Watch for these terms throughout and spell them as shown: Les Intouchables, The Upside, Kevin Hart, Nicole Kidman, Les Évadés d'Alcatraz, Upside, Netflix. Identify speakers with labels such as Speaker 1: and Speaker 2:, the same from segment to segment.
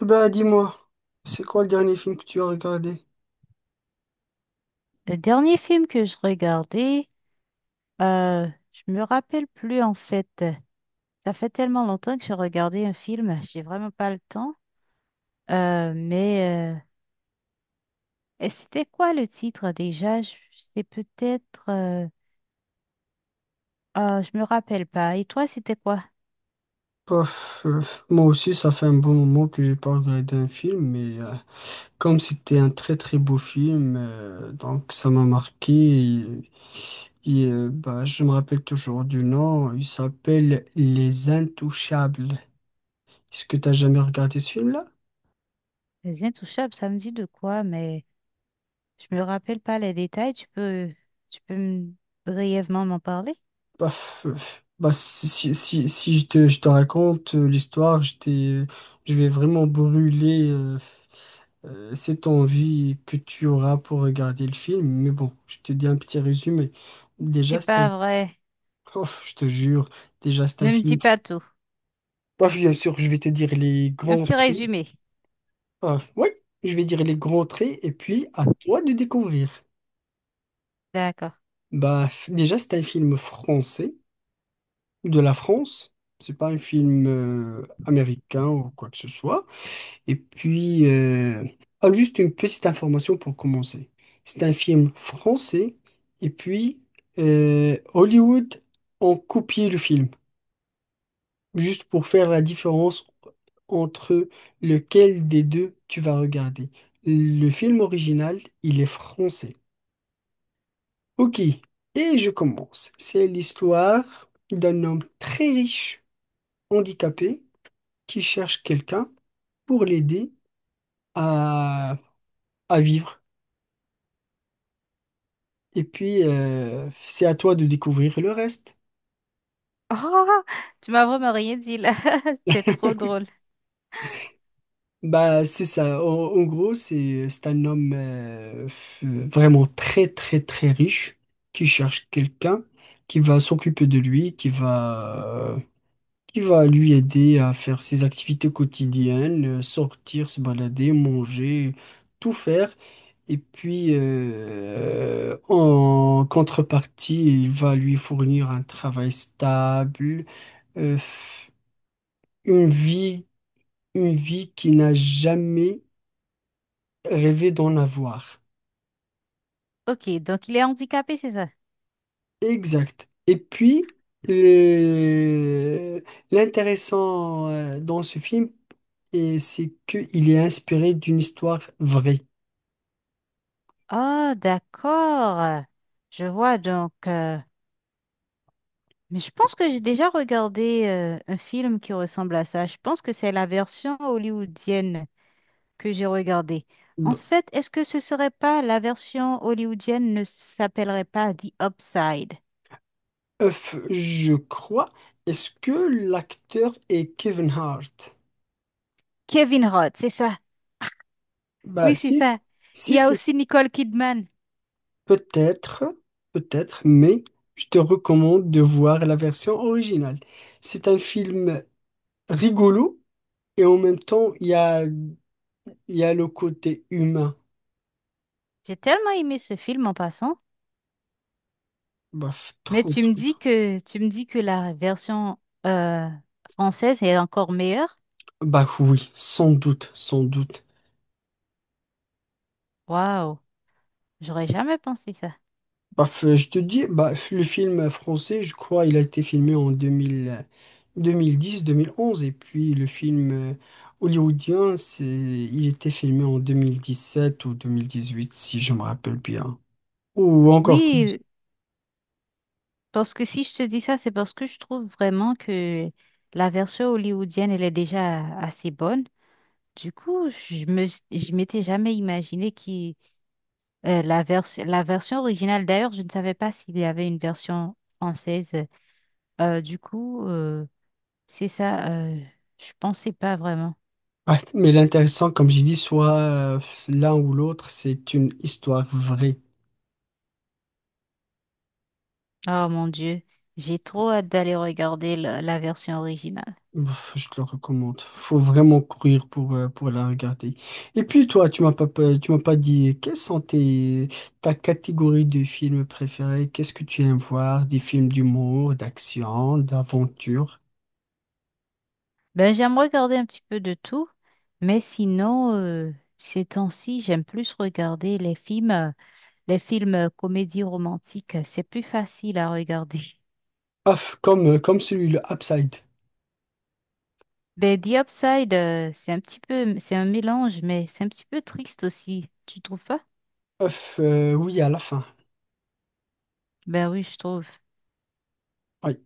Speaker 1: Bah dis-moi, c'est quoi le dernier film que tu as regardé?
Speaker 2: Le dernier film que je regardais, je me rappelle plus en fait. Ça fait tellement longtemps que j'ai regardé un film, j'ai vraiment pas le temps. Euh, mais euh, et c'était quoi le titre déjà? Je me rappelle pas. Et toi, c'était quoi?
Speaker 1: Pof, moi aussi, ça fait un bon moment que j'ai pas regardé un film, mais comme c'était un très très beau film, donc ça m'a marqué. Et bah, je me rappelle toujours du nom. Il s'appelle Les Intouchables. Est-ce que tu as jamais regardé ce film-là?
Speaker 2: Les Intouchables, ça me dit de quoi, mais je me rappelle pas les détails. Tu peux brièvement m'en parler?
Speaker 1: Bah, bah, si je te raconte l'histoire, je vais vraiment brûler cette envie que tu auras pour regarder le film. Mais bon, je te dis un petit résumé.
Speaker 2: C'est
Speaker 1: Déjà, c'est un.
Speaker 2: pas vrai.
Speaker 1: Ouf, je te jure, déjà, c'est un
Speaker 2: Ne me dis
Speaker 1: film.
Speaker 2: pas tout.
Speaker 1: Bah, bien sûr, je vais te dire les
Speaker 2: Un
Speaker 1: grands
Speaker 2: petit
Speaker 1: traits.
Speaker 2: résumé.
Speaker 1: Ah, oui, je vais dire les grands traits et puis à toi de découvrir.
Speaker 2: D'accord.
Speaker 1: Bah, déjà, c'est un film français. De la France. C'est pas un film américain ou quoi que ce soit. Et puis, ah, juste une petite information pour commencer. C'est un film français. Et puis, Hollywood ont copié le film, juste pour faire la différence entre lequel des deux tu vas regarder. Le film original, il est français. Ok, et je commence. C'est l'histoire d'un homme très riche, handicapé, qui cherche quelqu'un pour l'aider à, à vivre. Et puis, c'est à toi de découvrir le reste.
Speaker 2: Oh, tu m'as vraiment rien dit là. C'est trop drôle.
Speaker 1: Bah, c'est ça. En gros, c'est un homme vraiment très, très, très riche, qui cherche quelqu'un qui va s'occuper de lui, qui va lui aider à faire ses activités quotidiennes, sortir, se balader, manger, tout faire. Et puis, en contrepartie, il va lui fournir un travail stable, euh, f- une vie, une vie qu'il n'a jamais rêvé d'en avoir.
Speaker 2: Ok, donc il est handicapé, c'est ça?
Speaker 1: Exact. Et puis, le- l'intéressant dans ce film, et c'est qu'il est inspiré d'une histoire vraie.
Speaker 2: Oh, d'accord. Je vois donc. Mais je pense que j'ai déjà regardé un film qui ressemble à ça. Je pense que c'est la version hollywoodienne que j'ai regardée. En
Speaker 1: B-
Speaker 2: fait, est-ce que ce serait pas la version hollywoodienne ne s'appellerait pas The Upside?
Speaker 1: Je crois. Est-ce que l'acteur est Kevin Hart?
Speaker 2: Kevin Hart, c'est ça.
Speaker 1: Bah,
Speaker 2: Oui, c'est ça. Il
Speaker 1: si
Speaker 2: y a
Speaker 1: c'est
Speaker 2: aussi Nicole Kidman.
Speaker 1: peut-être, peut-être, mais je te recommande de voir la version originale. C'est un film rigolo et en même temps, il y a le côté humain.
Speaker 2: J'ai tellement aimé ce film en passant.
Speaker 1: Bah, trop, trop, trop.
Speaker 2: Tu me dis que la version euh, française est encore meilleure?
Speaker 1: Bah oui, sans doute, sans doute.
Speaker 2: Waouh, j'aurais jamais pensé ça.
Speaker 1: Bah, je te dis, bah, le film français, je crois, il a été filmé en deux mille dix, 2011, et puis le film hollywoodien, il était filmé en 2010 sept ou 2018, si je me rappelle bien. Ou encore plus.
Speaker 2: Oui, parce que si je te dis ça, c'est parce que je trouve vraiment que la version hollywoodienne, elle est déjà assez bonne. Du coup, je m'étais jamais imaginé qui la version originale. D'ailleurs, je ne savais pas s'il y avait une version française. Euh, du coup, euh, c'est ça. Je pensais pas vraiment.
Speaker 1: Ouais, mais l'intéressant, comme j'ai dit, soit l'un ou l'autre, c'est une histoire vraie.
Speaker 2: Oh mon Dieu, j'ai trop hâte d'aller regarder la version originale.
Speaker 1: Ouf, je te le recommande. Faut vraiment courir pour, la regarder. Et puis toi, tu m'as pas dit quelles sont ta catégorie de films préférés? Qu'est-ce que tu aimes voir? Des films d'humour, d'action, d'aventure?
Speaker 2: Ben, j'aime regarder un petit peu de tout, mais sinon, ces temps-ci, j'aime plus regarder les films comédies romantiques. C'est plus facile à regarder.
Speaker 1: Ouf, comme celui le Upside.
Speaker 2: Ben, The Upside, c'est un petit peu, c'est un mélange, mais c'est un petit peu triste aussi. Tu trouves pas?
Speaker 1: Ouf, oui, à la fin.
Speaker 2: Ben oui, je trouve.
Speaker 1: Oui.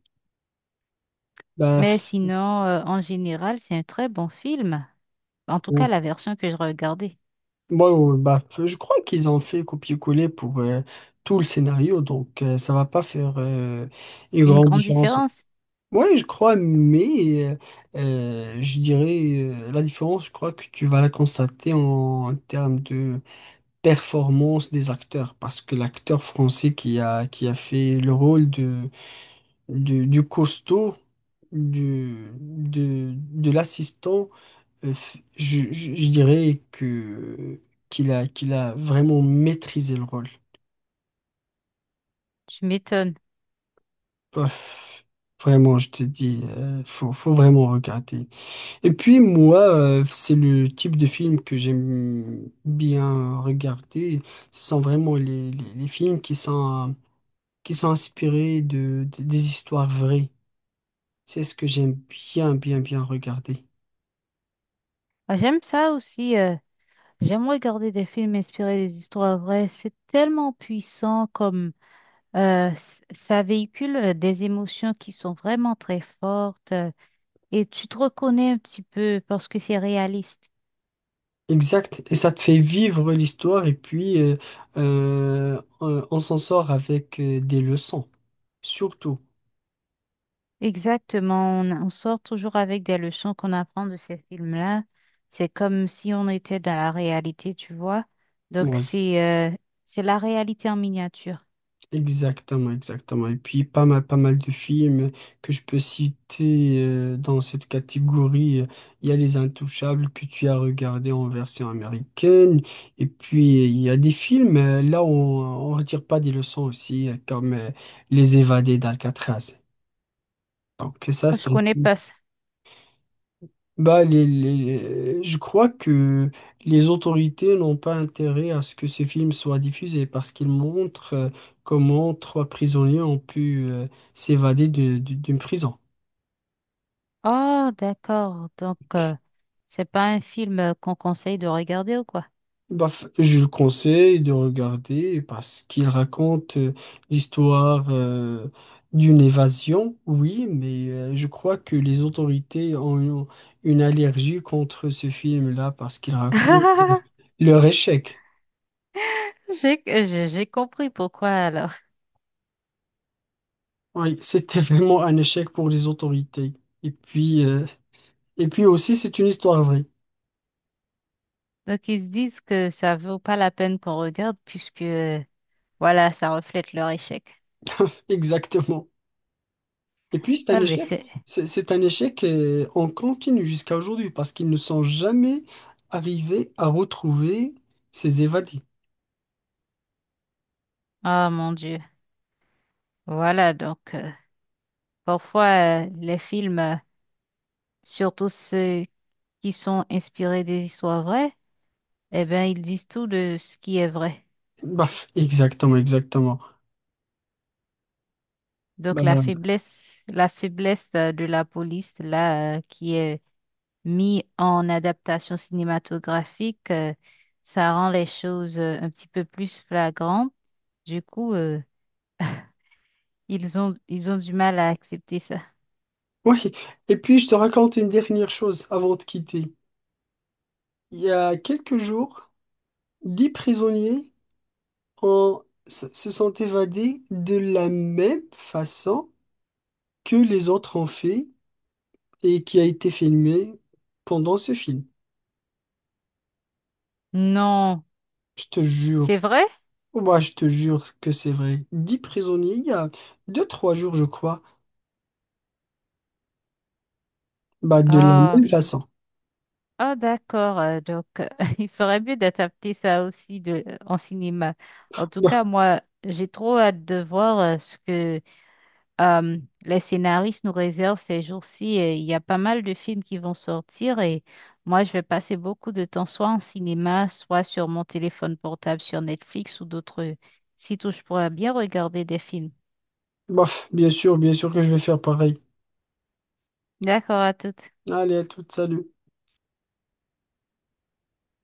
Speaker 1: Bah,
Speaker 2: Mais sinon, en général, c'est un très bon film. En tout cas,
Speaker 1: bon.
Speaker 2: la version que je regardais.
Speaker 1: Bon, ouais, bah, je crois qu'ils ont fait copier-coller pour tout le scénario, donc ça va pas faire une
Speaker 2: Une
Speaker 1: grande
Speaker 2: grande
Speaker 1: différence.
Speaker 2: différence.
Speaker 1: Ouais, je crois, mais je dirais la différence, je crois que tu vas la constater en termes de performance des acteurs, parce que l'acteur français qui a fait le rôle de, du, costaud, de l'assistant, je dirais qu'il a vraiment maîtrisé le rôle.
Speaker 2: Tu m'étonnes.
Speaker 1: Bof, vraiment, je te dis, faut vraiment regarder. Et puis moi, c'est le type de film que j'aime bien regarder. Ce sont vraiment les films qui sont inspirés des histoires vraies. C'est ce que j'aime bien, bien, bien regarder.
Speaker 2: Ah, j'aime ça aussi. J'aime regarder des films inspirés des histoires vraies. C'est tellement puissant comme ça véhicule des émotions qui sont vraiment très fortes et tu te reconnais un petit peu parce que c'est réaliste.
Speaker 1: Exact. Et ça te fait vivre l'histoire et puis on s'en sort avec des leçons, surtout.
Speaker 2: Exactement. On sort toujours avec des leçons qu'on apprend de ces films-là. C'est comme si on était dans la réalité, tu vois. Donc
Speaker 1: Oui.
Speaker 2: c'est euh, c'est la réalité en miniature.
Speaker 1: Exactement, exactement. Et puis pas mal, pas mal de films que je peux citer dans cette catégorie. Il y a Les Intouchables que tu as regardé en version américaine. Et puis il y a des films là où on retire pas des leçons aussi, comme Les Évadés d'Alcatraz. Donc ça, c'est
Speaker 2: Je
Speaker 1: un
Speaker 2: connais
Speaker 1: film.
Speaker 2: pas.
Speaker 1: Bah, je crois que les autorités n'ont pas intérêt à ce que ce film soit diffusé parce qu'il montre comment trois prisonniers ont pu s'évader d'une prison.
Speaker 2: Oh, d'accord. Donc, c'est pas un film qu'on conseille de regarder ou quoi?
Speaker 1: Bah, je le conseille de regarder parce qu'il raconte l'histoire d'une évasion, oui, mais je crois que les autorités ont une allergie contre ce film-là parce qu'il raconte leur échec.
Speaker 2: J'ai compris pourquoi alors.
Speaker 1: Oui, c'était vraiment un échec pour les autorités. Et puis, euh, et puis aussi, c'est une histoire vraie.
Speaker 2: Donc, ils se disent que ça vaut pas la peine qu'on regarde puisque, voilà, ça reflète leur échec.
Speaker 1: Exactement. Et puis, c'est
Speaker 2: Ah,
Speaker 1: un
Speaker 2: mais
Speaker 1: échec.
Speaker 2: c'est...
Speaker 1: C'est un échec en continu jusqu'à aujourd'hui parce qu'ils ne sont jamais arrivés à retrouver ces évadés.
Speaker 2: Oh mon Dieu. Voilà, donc, parfois, les films, surtout ceux qui sont inspirés des histoires vraies, eh bien, ils disent tout de ce qui est vrai.
Speaker 1: Baf, exactement, exactement.
Speaker 2: Donc,
Speaker 1: Bah,
Speaker 2: la faiblesse de la police, là, qui est mis en adaptation cinématographique, ça rend les choses un petit peu plus flagrantes. Du coup, ils ont du mal à accepter ça.
Speaker 1: oui. Et puis, je te raconte une dernière chose avant de quitter. Il y a quelques jours, 10 prisonniers se sont évadés de la même façon que les autres ont fait et qui a été filmé pendant ce film.
Speaker 2: Non,
Speaker 1: Je te
Speaker 2: c'est
Speaker 1: jure.
Speaker 2: vrai?
Speaker 1: Moi, je te jure que c'est vrai. 10 prisonniers, il y a deux, trois jours, je crois. Bah, de la
Speaker 2: Ah,
Speaker 1: même façon.
Speaker 2: ah, d'accord. Donc, il ferait mieux d'adapter ça aussi de, en cinéma. En tout
Speaker 1: Bah,
Speaker 2: cas, moi, j'ai trop hâte de voir ce que les scénaristes nous réservent ces jours-ci, il y a pas mal de films qui vont sortir et moi, je vais passer beaucoup de temps soit en cinéma, soit sur mon téléphone portable, sur Netflix ou d'autres sites où je pourrais bien regarder des films.
Speaker 1: bof, bien sûr que je vais faire pareil.
Speaker 2: D'accord, à toutes.
Speaker 1: Allez, à toute, salut.